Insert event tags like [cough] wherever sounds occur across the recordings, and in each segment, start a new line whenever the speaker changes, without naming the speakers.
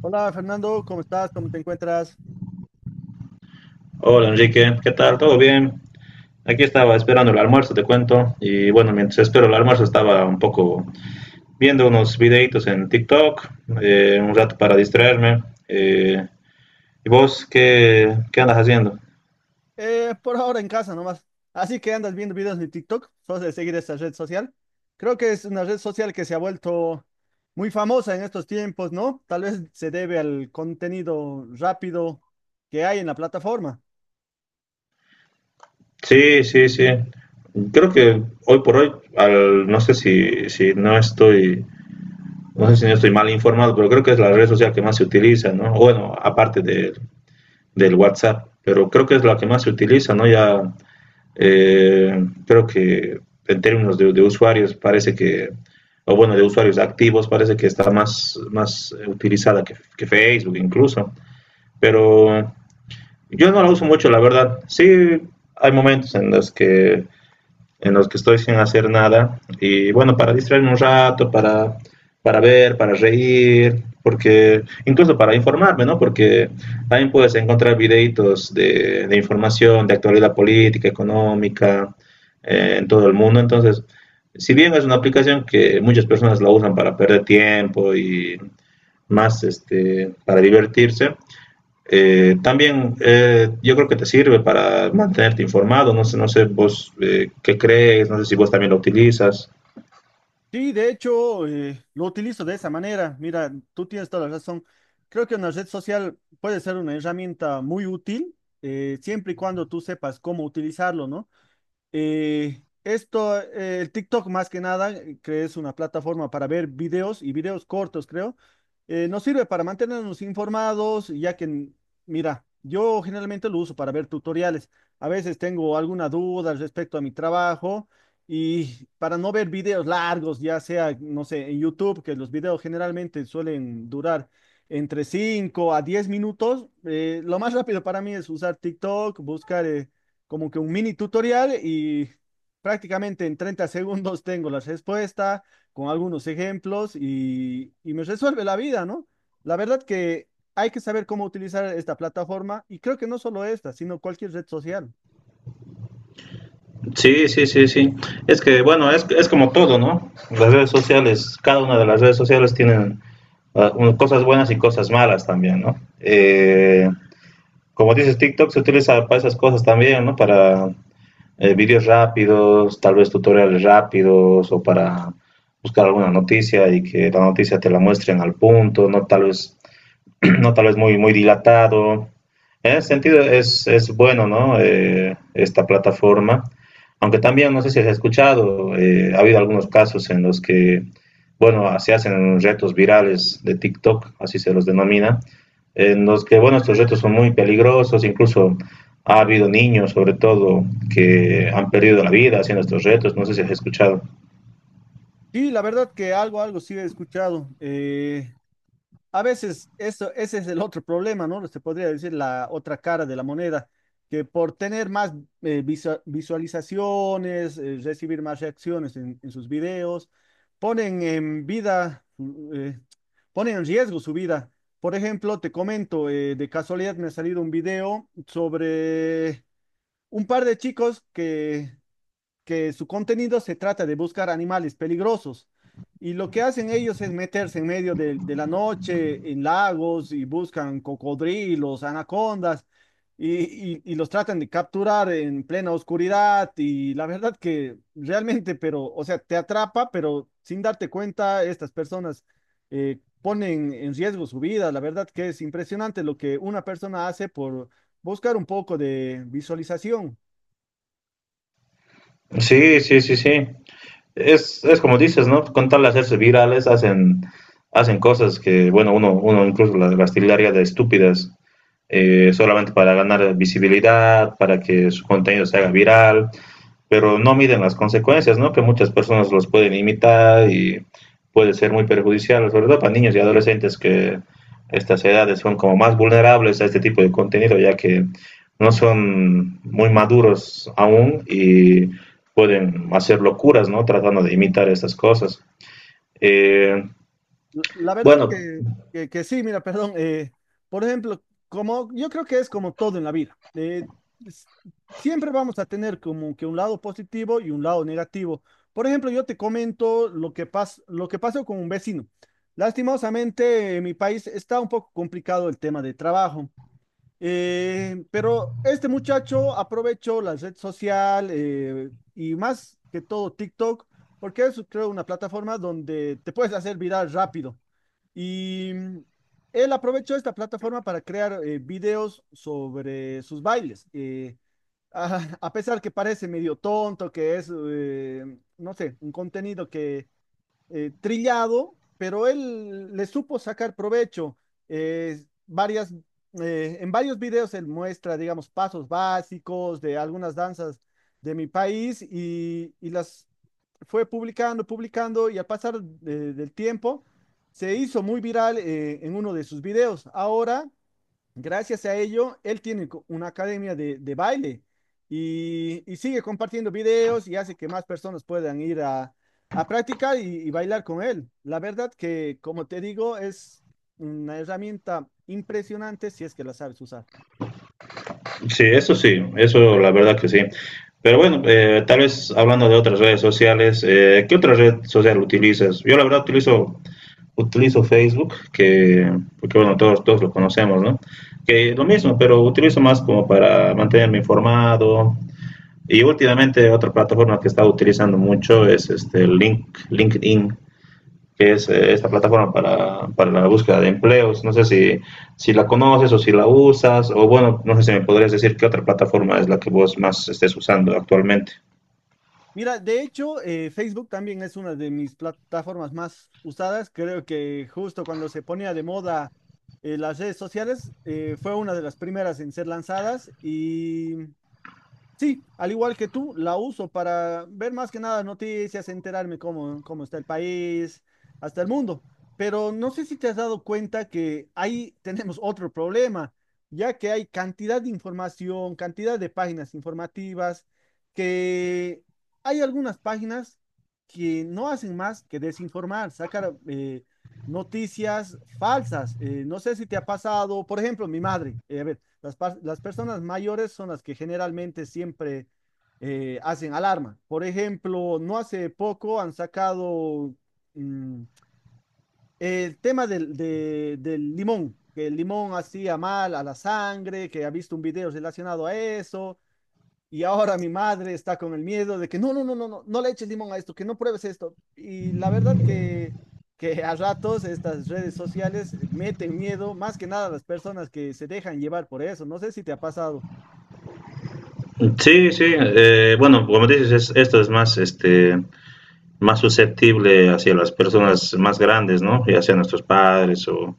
Hola Fernando, ¿cómo estás? ¿Cómo te encuentras?
Hola Enrique, ¿qué tal? ¿Todo bien? Aquí estaba esperando el almuerzo, te cuento. Y bueno, mientras espero el almuerzo estaba un poco viendo unos videitos en TikTok, un rato para distraerme. ¿Y vos qué andas haciendo?
Por ahora en casa nomás. Así que andas viendo videos de TikTok, sos de seguir esa red social. Creo que es una red social que se ha vuelto muy famosa en estos tiempos, ¿no? Tal vez se debe al contenido rápido que hay en la plataforma.
Sí, sí, sí. Creo que hoy por hoy, no sé si no estoy, no sé si no estoy mal informado, pero creo que es la red social que más se utiliza, ¿no? Bueno, aparte del WhatsApp, pero creo que es la que más se utiliza, ¿no? Ya creo que en términos de usuarios parece que, o bueno, de usuarios activos parece que está más utilizada que Facebook incluso, pero yo no la uso mucho, la verdad. Sí, hay momentos en los que estoy sin hacer nada. Y bueno, para distraerme un rato, para ver, para reír, porque incluso para informarme, ¿no? Porque también puedes encontrar videitos de información, de actualidad política, económica, en todo el mundo. Entonces, si bien es una aplicación que muchas personas la usan para perder tiempo y más este, para divertirse, también yo creo que te sirve para mantenerte informado, no sé, no sé vos qué crees, no sé si vos también lo utilizas.
Sí, de hecho, lo utilizo de esa manera. Mira, tú tienes toda la razón. Creo que una red social puede ser una herramienta muy útil, siempre y cuando tú sepas cómo utilizarlo, ¿no? Esto, el TikTok más que nada, que es una plataforma para ver videos y videos cortos, creo, nos sirve para mantenernos informados, ya que, mira, yo generalmente lo uso para ver tutoriales. A veces tengo alguna duda al respecto a mi trabajo y para no ver videos largos, ya sea, no sé, en YouTube, que los videos generalmente suelen durar entre 5 a 10 minutos, lo más rápido para mí es usar TikTok, buscar, como que un mini tutorial y prácticamente en 30 [laughs] segundos tengo la respuesta con algunos ejemplos y me resuelve la vida, ¿no? La verdad que hay que saber cómo utilizar esta plataforma y creo que no solo esta, sino cualquier red social.
Sí, sí, sí, sí. Es que bueno, es como todo, ¿no? Las redes sociales, cada una de las redes sociales tienen cosas buenas y cosas malas también, ¿no? Como dices, TikTok se utiliza para esas cosas también, ¿no? Para videos rápidos, tal vez tutoriales rápidos o para buscar alguna noticia y que la noticia te la muestren al punto, ¿no? Tal vez [clears throat] no tal vez muy, muy dilatado. En ese sentido es bueno, ¿no? Esta plataforma. Aunque también, no sé si has escuchado, ha habido algunos casos en los que, bueno, se hacen retos virales de TikTok, así se los denomina, en los que, bueno, estos retos son muy peligrosos, incluso ha habido niños, sobre todo, que han perdido la vida haciendo estos retos, no sé si has escuchado.
Sí, la verdad que algo sí he escuchado. A veces eso, ese es el otro problema, ¿no? Se podría decir la otra cara de la moneda, que por tener más visualizaciones, recibir más reacciones en sus videos, ponen en vida, mm, eh, ponen en riesgo su vida. Por ejemplo, te comento, de casualidad me ha salido un video sobre un par de chicos que su contenido se trata de buscar animales peligrosos. Y lo que hacen ellos es meterse en medio de la noche en lagos y buscan cocodrilos, anacondas y los tratan de capturar en plena oscuridad. Y la verdad que realmente, pero, o sea, te atrapa, pero sin darte cuenta, estas personas ponen en riesgo su vida. La verdad que es impresionante lo que una persona hace por buscar un poco de visualización.
Sí, sí, sí, sí. Es es como dices, ¿no? Con tal de hacerse virales, hacen cosas que, bueno, uno incluso las tildaría de estúpidas, solamente para ganar visibilidad, para que su contenido se haga viral, pero no miden las consecuencias, ¿no? Que muchas personas los pueden imitar y puede ser muy perjudicial, sobre todo para niños y adolescentes que estas edades son como más vulnerables a este tipo de contenido, ya que no son muy maduros aún y pueden hacer locuras, ¿no? Tratando de imitar estas cosas. Eh,
La verdad
bueno,
que, que sí, mira, perdón. Por ejemplo, como yo creo que es como todo en la vida. S- Siempre vamos a tener como que un lado positivo y un lado negativo. Por ejemplo, yo te comento lo que lo que pasó con un vecino. Lastimosamente, en mi país está un poco complicado el tema de trabajo. Pero este muchacho aprovechó la red social y más que todo TikTok, porque es, creo, una plataforma donde te puedes hacer viral rápido. Y él aprovechó esta plataforma para crear videos sobre sus bailes. [laughs] A pesar que parece medio tonto, que es, no sé, un contenido que trillado, pero él le supo sacar provecho. Eh, varias, en varios videos él muestra, digamos, pasos básicos de algunas danzas de mi país y las fue publicando, publicando y al pasar del tiempo se hizo muy viral en uno de sus videos. Ahora, gracias a ello, él tiene una academia de baile y sigue compartiendo videos y hace que más personas puedan ir a practicar y bailar con él. La verdad que, como te digo, es una herramienta impresionante si es que la sabes usar.
sí, eso la verdad que sí. Pero bueno, tal vez hablando de otras redes sociales, ¿qué otra red social utilizas? Yo la verdad utilizo Facebook, porque bueno, todos lo conocemos, ¿no? Que lo mismo, pero utilizo más como para mantenerme informado. Y últimamente otra plataforma que he estado utilizando mucho es este LinkedIn, que es esta plataforma para la búsqueda de empleos. No sé si la conoces o si la usas, o bueno, no sé si me podrías decir qué otra plataforma es la que vos más estés usando actualmente.
Mira, de hecho, Facebook también es una de mis plataformas más usadas. Creo que justo cuando se ponía de moda las redes sociales, fue una de las primeras en ser lanzadas. Sí, al igual que tú, la uso para ver más que nada noticias, enterarme cómo está el país, hasta el mundo. Pero no sé si te has dado cuenta que ahí [laughs] tenemos otro problema, ya que hay cantidad de información, cantidad de páginas informativas, que hay algunas páginas que no hacen más que desinformar, sacar noticias falsas. No sé si te ha pasado, por ejemplo, mi madre. A ver, las, las personas mayores son las que generalmente siempre hacen alarma. Por ejemplo, no hace poco han sacado mm, el tema del limón, que el limón hacía mal a la sangre, que ha visto un video relacionado a eso. Y ahora mi madre está con el miedo de que no, no, no, no, no, no le eches limón a esto, que no pruebes esto. Y la verdad que, a ratos estas redes sociales meten miedo más que nada a las personas que se dejan llevar por eso. No sé si te ha pasado.
Sí, sí, bueno, como dices, esto es más este, más susceptible hacia las personas más grandes, ¿no? Ya sean nuestros padres o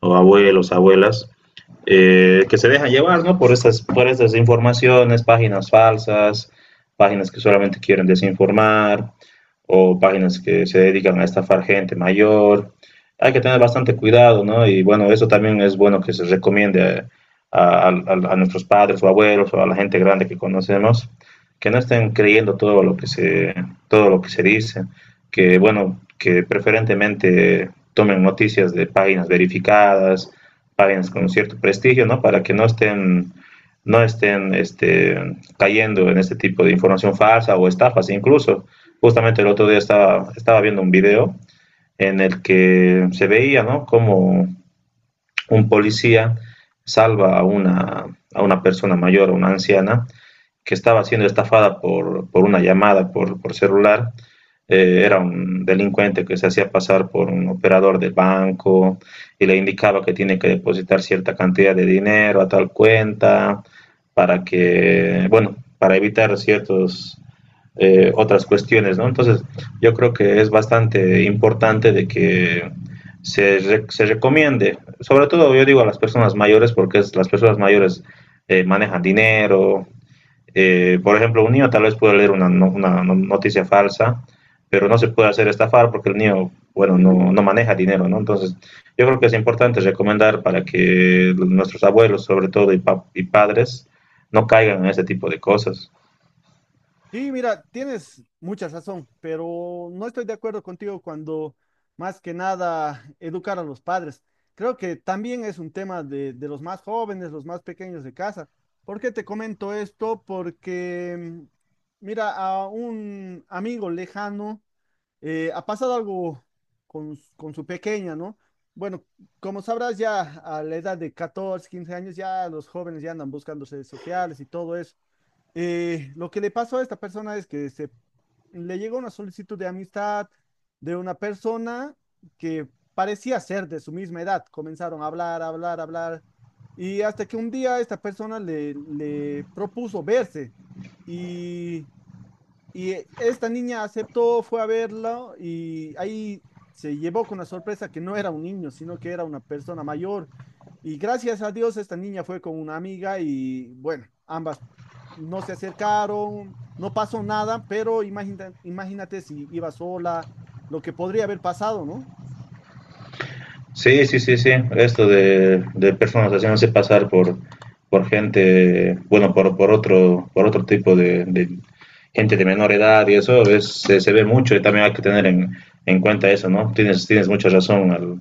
o, abuelos, abuelas, que se dejan llevar, ¿no? Por por estas informaciones, páginas falsas, páginas que solamente quieren desinformar, o páginas que se dedican a estafar gente mayor. Hay que tener bastante cuidado, ¿no? Y bueno, eso también es bueno que se recomiende a nuestros padres o abuelos o a la gente grande que conocemos, que no estén creyendo todo lo que todo lo que se dice, que bueno, que preferentemente tomen noticias de páginas verificadas, páginas con cierto prestigio, ¿no? Para que no estén, no estén este, cayendo en este tipo de información falsa o estafas incluso. Justamente el otro día estaba viendo un video en el que se veía, ¿no? Como un policía salva a a una persona mayor, a una anciana, que estaba siendo estafada por una llamada por celular. Era un delincuente que se hacía pasar por un operador de banco y le indicaba que tiene que depositar cierta cantidad de dinero a tal cuenta para que, bueno, para evitar ciertos otras cuestiones, ¿no? Entonces, yo creo que es bastante importante de que se recomiende, sobre todo yo digo a las personas mayores, porque las personas mayores manejan dinero, por ejemplo, un niño tal vez puede leer una noticia falsa, pero no se puede hacer estafar porque el niño, bueno, no maneja dinero, ¿no? Entonces, yo creo que es importante recomendar para que nuestros abuelos, sobre todo, y padres, no caigan en ese tipo de cosas.
Sí, mira, tienes mucha razón, pero no estoy de acuerdo contigo cuando más que nada educar a los padres. Creo que también es un tema de los más jóvenes, los más pequeños de casa. ¿Por qué te comento esto? Porque, mira, a un amigo lejano ha pasado algo con su pequeña, ¿no? Bueno, como sabrás, ya a la edad de 14, 15 años, ya los jóvenes ya andan buscando redes sociales y todo eso. Lo que le pasó a esta persona es que le llegó una solicitud de amistad de una persona que parecía ser de su misma edad. Comenzaron a hablar, hablar, hablar. Y hasta que un día esta persona le propuso verse. Y Esta niña aceptó, fue a verlo y ahí se llevó con la sorpresa que no era un niño, sino que era una persona mayor. Y gracias a Dios esta niña fue con una amiga y bueno, ambas no se acercaron, no pasó nada, pero imagínate si iba sola, lo que podría haber pasado, ¿no?
Sí, sí, sí, sí. Esto de personas haciéndose pasar por gente, bueno, por por otro tipo de gente de menor edad y eso se ve mucho y también hay que tener en cuenta eso, ¿no? Tienes mucha razón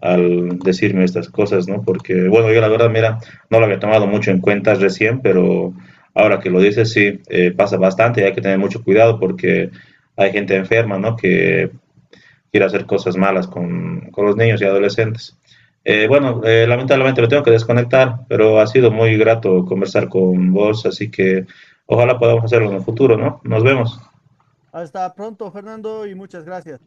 al decirme estas cosas, ¿no? Porque, bueno, yo la verdad, mira, no lo había tomado mucho en cuenta recién, pero ahora que lo dices, sí, pasa bastante y hay que tener mucho cuidado porque hay gente enferma, ¿no? Que quiere hacer cosas malas con los niños y adolescentes. Bueno, lamentablemente me tengo que desconectar, pero ha sido muy grato conversar con vos, así que ojalá podamos hacerlo en el futuro, ¿no? Nos vemos.
Hasta pronto, Fernando, y muchas gracias.